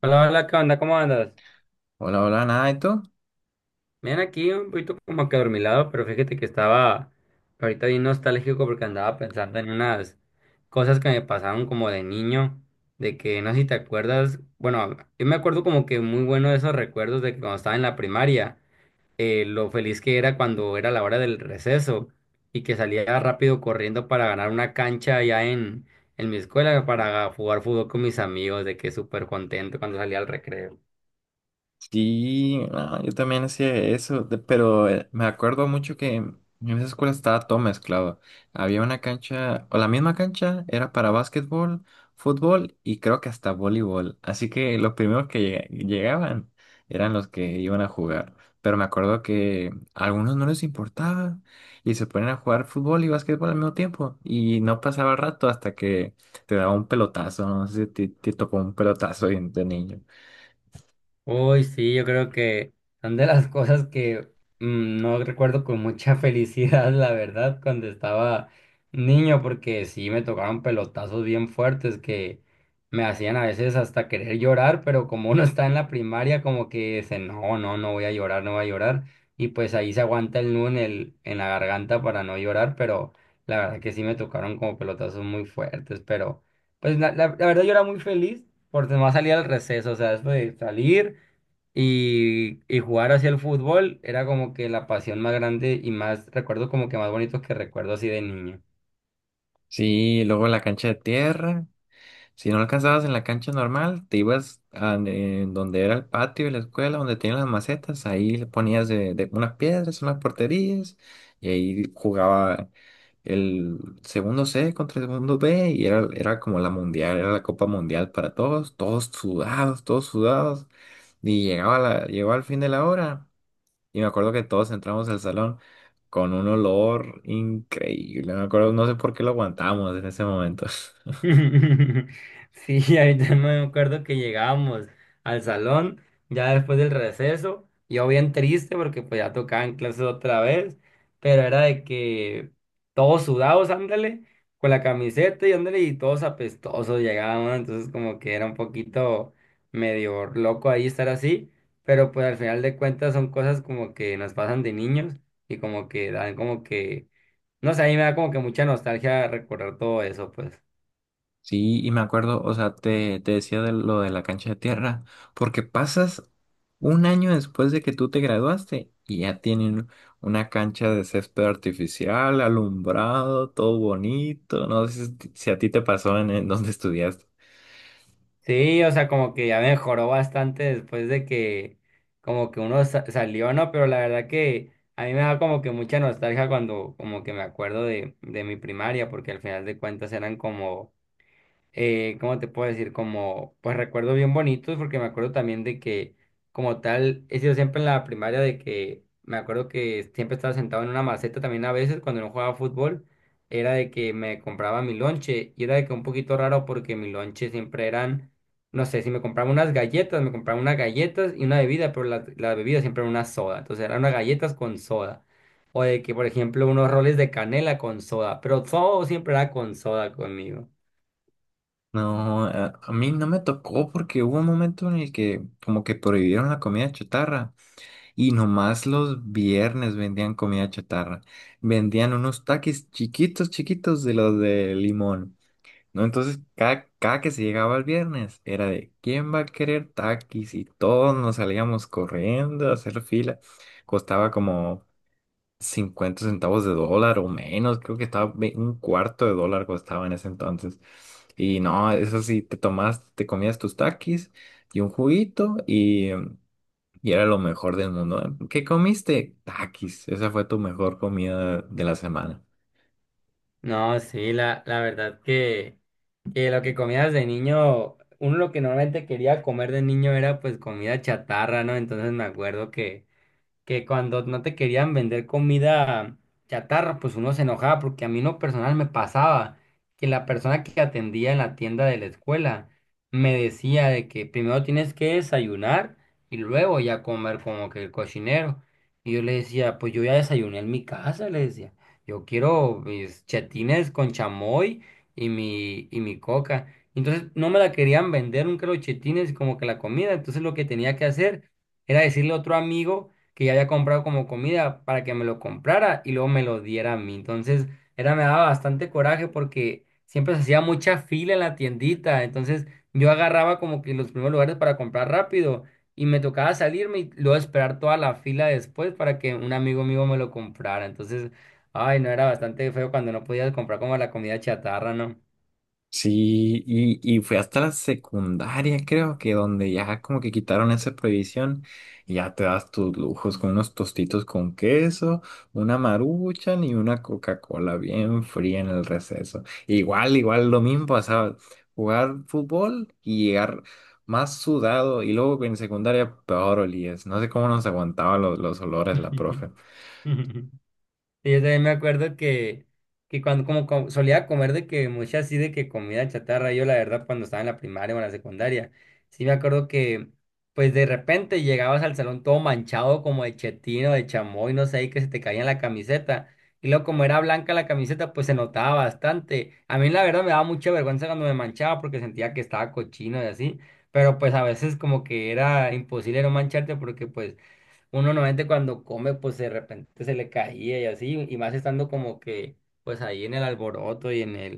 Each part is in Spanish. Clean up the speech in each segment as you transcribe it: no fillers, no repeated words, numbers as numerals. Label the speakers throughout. Speaker 1: Hola, hola, ¿qué onda? ¿Cómo andas?
Speaker 2: Hola, hola, nada, ¿y tú?
Speaker 1: Bien, aquí un poquito como que adormilado, pero fíjate que estaba ahorita bien nostálgico porque andaba pensando en unas cosas que me pasaron como de niño, de que no sé si te acuerdas, bueno, yo me acuerdo como que muy bueno de esos recuerdos de que cuando estaba en la primaria, lo feliz que era cuando era la hora del receso y que salía rápido corriendo para ganar una cancha allá en mi escuela para jugar fútbol con mis amigos, de que súper contento cuando salía al recreo.
Speaker 2: Sí, ah, yo también hacía eso, me acuerdo mucho que en esa escuela estaba todo mezclado. Había una cancha, o la misma cancha, era para básquetbol, fútbol y creo que hasta voleibol. Así que los primeros que llegaban eran los que iban a jugar. Pero me acuerdo que a algunos no les importaba y se ponían a jugar fútbol y básquetbol al mismo tiempo. Y no pasaba el rato hasta que te daba un pelotazo, no sé si te tocó un pelotazo de niño.
Speaker 1: Uy, sí, yo creo que son de las cosas que no recuerdo con mucha felicidad, la verdad, cuando estaba niño, porque sí me tocaron pelotazos bien fuertes que me hacían a veces hasta querer llorar, pero como uno está en la primaria, como que dice, no, no, no voy a llorar, no voy a llorar, y pues ahí se aguanta el nudo en la garganta para no llorar, pero la verdad que sí me tocaron como pelotazos muy fuertes, pero pues la verdad yo era muy feliz por demás salir al receso, o sea, después de salir. Y jugar hacia el fútbol era como que la pasión más grande y más, recuerdo como que más bonito que recuerdo así de niño.
Speaker 2: Sí, luego la cancha de tierra. Si no alcanzabas en la cancha normal, te ibas a en donde era el patio de la escuela, donde tenían las macetas, ahí le ponías de unas piedras, unas porterías, y ahí jugaba el segundo C contra el segundo B, y era como la mundial, era la Copa Mundial para todos, todos sudados, y llegaba llegó al fin de la hora. Y me acuerdo que todos entramos al salón con un olor increíble. Me acuerdo, no sé por qué lo aguantamos en ese momento.
Speaker 1: Sí, ahorita no me acuerdo que llegábamos al salón ya después del receso, yo bien triste porque pues ya tocaban clases otra vez, pero era de que todos sudados, ándale, con la camiseta y ándale, y todos apestosos llegábamos, entonces como que era un poquito medio loco ahí estar así, pero pues al final de cuentas son cosas como que nos pasan de niños y como que dan como que, no sé, a mí me da como que mucha nostalgia recordar todo eso, pues.
Speaker 2: Sí, y me acuerdo, o sea, te decía de lo de la cancha de tierra, porque pasas un año después de que tú te graduaste y ya tienen una cancha de césped artificial, alumbrado, todo bonito. No sé si a ti te pasó en donde estudiaste.
Speaker 1: Sí, o sea, como que ya mejoró bastante después de que como que salió, ¿no? Pero la verdad que a mí me da como que mucha nostalgia cuando como que me acuerdo de mi primaria, porque al final de cuentas eran como ¿cómo te puedo decir? Como, pues recuerdos bien bonitos, porque me acuerdo también de que, como tal, he sido siempre en la primaria de que, me acuerdo que siempre estaba sentado en una maceta también a veces cuando no jugaba fútbol, era de que me compraba mi lonche, y era de que un poquito raro porque mi lonche siempre eran, no sé, si me compraba unas galletas, me compraba unas galletas y una bebida, pero la bebida siempre era una soda, entonces eran unas galletas con soda. O de que, por ejemplo, unos roles de canela con soda, pero todo siempre era con soda conmigo.
Speaker 2: No, a mí no me tocó porque hubo un momento en el que como que prohibieron la comida chatarra. Y nomás los viernes vendían comida chatarra. Vendían unos taquis chiquitos, chiquitos de los de limón, ¿no? Entonces, cada que se llegaba el viernes, era de ¿quién va a querer taquis? Y todos nos salíamos corriendo a hacer fila. Costaba como 50 centavos de dólar o menos. Creo que estaba 1/4 de dólar costaba en ese entonces. Y no, eso sí, te comías tus taquis y un juguito y era lo mejor del mundo. ¿Qué comiste? Takis. Esa fue tu mejor comida de la semana.
Speaker 1: No, sí, la verdad que lo que comías de niño, uno lo que normalmente quería comer de niño era pues comida chatarra, ¿no? Entonces me acuerdo que cuando no te querían vender comida chatarra, pues uno se enojaba, porque a mí no personal me pasaba que la persona que atendía en la tienda de la escuela me decía de que primero tienes que desayunar y luego ya comer como que el cocinero. Y yo le decía, pues yo ya desayuné en mi casa, le decía, yo quiero mis chetines con chamoy y mi coca. Entonces no me la querían vender nunca los chetines como que la comida. Entonces lo que tenía que hacer era decirle a otro amigo que ya había comprado como comida para que me lo comprara y luego me lo diera a mí. Entonces, era, me daba bastante coraje porque siempre se hacía mucha fila en la tiendita. Entonces, yo agarraba como que los primeros lugares para comprar rápido y me tocaba salirme y luego esperar toda la fila después para que un amigo mío me lo comprara. Entonces, ay, no, era bastante feo cuando no podías comprar como la comida chatarra, ¿no?
Speaker 2: Sí, y fue hasta la secundaria, creo que donde ya como que quitaron esa prohibición y ya te das tus lujos con unos tostitos con queso, una maruchan y una Coca-Cola bien fría en el receso. Igual, igual lo mismo pasaba, jugar fútbol y llegar más sudado y luego en secundaria peor olías. No sé cómo nos aguantaba los olores la profe.
Speaker 1: Y yo también me acuerdo que, solía comer de que mucha así de que comida chatarra, yo la verdad cuando estaba en la primaria o en la secundaria, sí me acuerdo que pues de repente llegabas al salón todo manchado como de chetino, de chamoy, no sé, y que se te caía en la camiseta. Y luego como era blanca la camiseta, pues se notaba bastante. A mí la verdad me daba mucha vergüenza cuando me manchaba porque sentía que estaba cochino y así. Pero pues a veces como que era imposible no mancharte porque pues uno normalmente cuando come, pues de repente se le caía y así, y más estando como que, pues ahí en el alboroto y en el,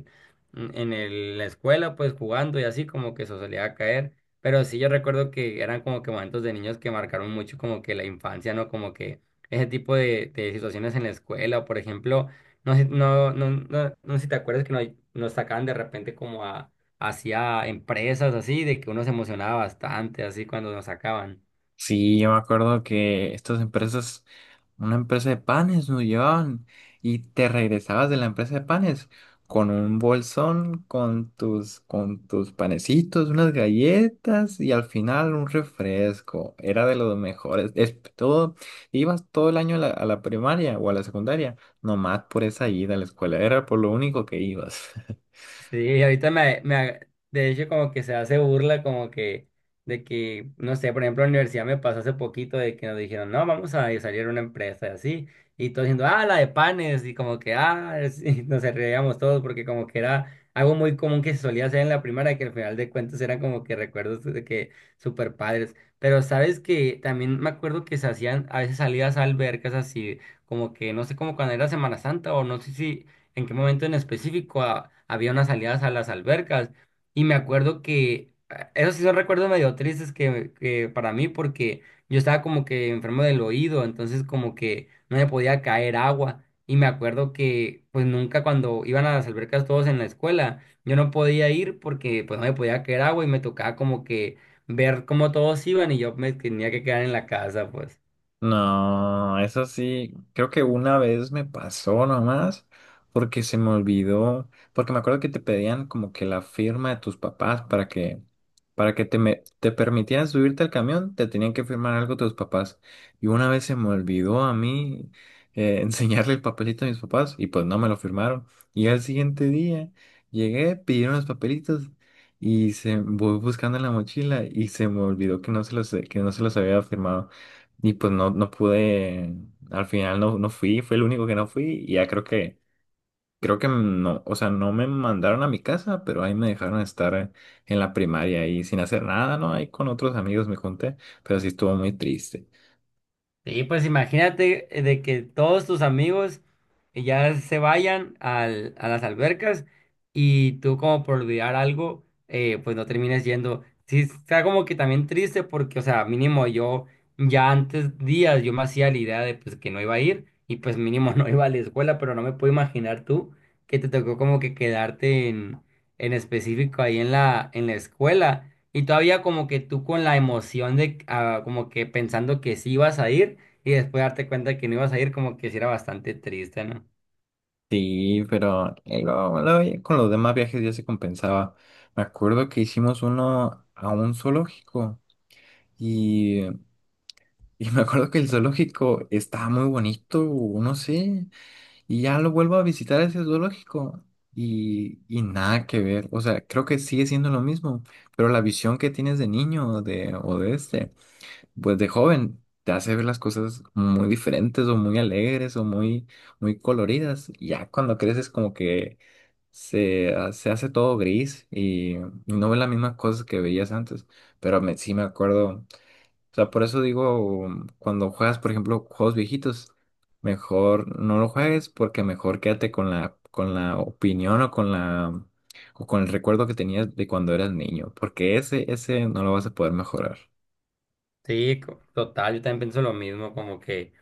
Speaker 1: mm, en el- la escuela, pues jugando y así, como que eso solía caer. Pero sí, yo recuerdo que eran como que momentos de niños que marcaron mucho como que la infancia, ¿no? Como que ese tipo de situaciones en la escuela, por ejemplo, no sé, no sé si te acuerdas que nos sacaban de repente como a, hacia empresas así, de que uno se emocionaba bastante así cuando nos sacaban.
Speaker 2: Sí, yo me acuerdo que estas empresas, una empresa de panes nos llevaban y te regresabas de la empresa de panes con un bolsón, con tus panecitos, unas galletas y al final un refresco. Era de los mejores. Es todo, ibas todo el año a a la primaria o a la secundaria, nomás por esa ida a la escuela. Era por lo único que ibas.
Speaker 1: Sí, de hecho como que se hace burla como que de que, no sé, por ejemplo, en la universidad me pasó hace poquito de que nos dijeron, no, vamos a salir a una empresa y así, y todos diciendo, ah, la de panes, y como que, ah, sí, nos reíamos todos porque como que era algo muy común que se solía hacer en la primaria, que al final de cuentas eran como que recuerdos de que super padres, pero sabes que también me acuerdo que se hacían a veces salidas a albercas así, como que, no sé, como cuando era Semana Santa o no sé si en qué momento en específico había unas salidas a las albercas. Y me acuerdo que, esos sí son recuerdos medio tristes que para mí, porque yo estaba como que enfermo del oído, entonces como que no me podía caer agua. Y me acuerdo que pues nunca cuando iban a las albercas todos en la escuela, yo no podía ir porque pues no me podía caer agua y me tocaba como que ver cómo todos iban y yo me tenía que quedar en la casa, pues.
Speaker 2: No, eso sí, creo que una vez me pasó nomás porque se me olvidó, porque me acuerdo que te pedían como que la firma de tus papás para que te permitieran subirte al camión, te tenían que firmar algo tus papás. Y una vez se me olvidó a mí enseñarle el papelito a mis papás y pues no me lo firmaron. Y al siguiente día llegué, pidieron los papelitos y se voy buscando en la mochila y se me olvidó que no se los que no se los había firmado. Y pues no pude, al final no fui, fue el único que no fui y ya creo creo que no, o sea, no me mandaron a mi casa, pero ahí me dejaron estar en la primaria y sin hacer nada, ¿no? Ahí con otros amigos me junté, pero sí estuvo muy triste.
Speaker 1: Sí, pues imagínate de que todos tus amigos a las albercas y tú como por olvidar algo, pues no termines yendo. Sí, está como que también triste porque, o sea, mínimo yo ya antes días yo me hacía la idea de pues que no iba a ir y pues mínimo no iba a la escuela, pero no me puedo imaginar tú que te tocó como que quedarte en específico ahí en en la escuela y todavía como que tú con la emoción de ah, como que pensando que sí ibas a ir. Y después darte cuenta que no ibas a ir, como que sí era bastante triste, ¿no?
Speaker 2: Sí, pero luego ya con los demás viajes ya se compensaba. Me acuerdo que hicimos uno a un zoológico y, y me acuerdo que el zoológico estaba muy bonito, no sé. Y ya lo vuelvo a visitar a ese zoológico y nada que ver. O sea, creo que sigue siendo lo mismo, pero la visión que tienes de niño o de este, pues de joven, te hace ver las cosas muy diferentes o muy alegres o muy coloridas. Y ya cuando creces como que se hace todo gris y no ves las mismas cosas que veías antes. Pero sí me acuerdo. O sea, por eso digo, cuando juegas, por ejemplo, juegos viejitos, mejor no lo juegues porque mejor quédate con con la opinión o con o con el recuerdo que tenías de cuando eras niño, porque ese no lo vas a poder mejorar.
Speaker 1: Sí, total, yo también pienso lo mismo, como que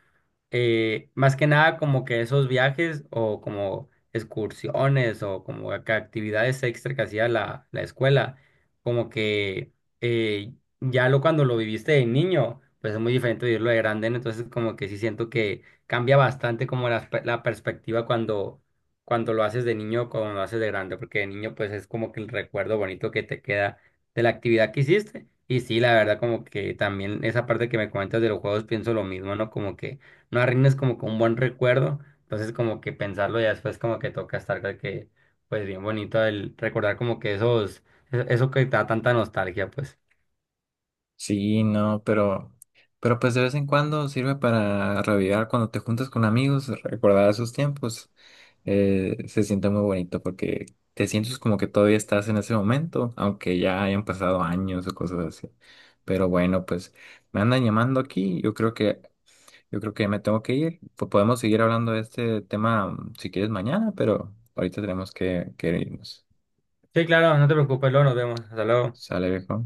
Speaker 1: más que nada como que esos viajes o como excursiones o como que actividades extra que hacía la escuela, como que eh, ya lo cuando lo viviste de niño, pues es muy diferente vivirlo de grande, ¿no? Entonces como que sí siento que cambia bastante como la perspectiva cuando lo haces de niño o cuando lo haces de grande, porque de niño pues es como que el recuerdo bonito que te queda de la actividad que hiciste. Y sí, la verdad, como que también esa parte que me comentas de los juegos pienso lo mismo, ¿no? Como que no arruines como con un buen recuerdo. Entonces como que pensarlo ya después como que toca estar de que, pues bien bonito el recordar como que esos, eso que te da tanta nostalgia, pues.
Speaker 2: Sí, no, pero pues de vez en cuando sirve para revivir cuando te juntas con amigos, recordar esos tiempos. Eh, se siente muy bonito porque te sientes como que todavía estás en ese momento, aunque ya hayan pasado años o cosas así. Pero bueno, pues me andan llamando aquí, yo creo yo creo que me tengo que ir. Pues podemos seguir hablando de este tema si quieres mañana, pero ahorita tenemos que irnos.
Speaker 1: Sí, claro, no te preocupes, luego nos vemos. Hasta luego.
Speaker 2: ¿Sale, viejo?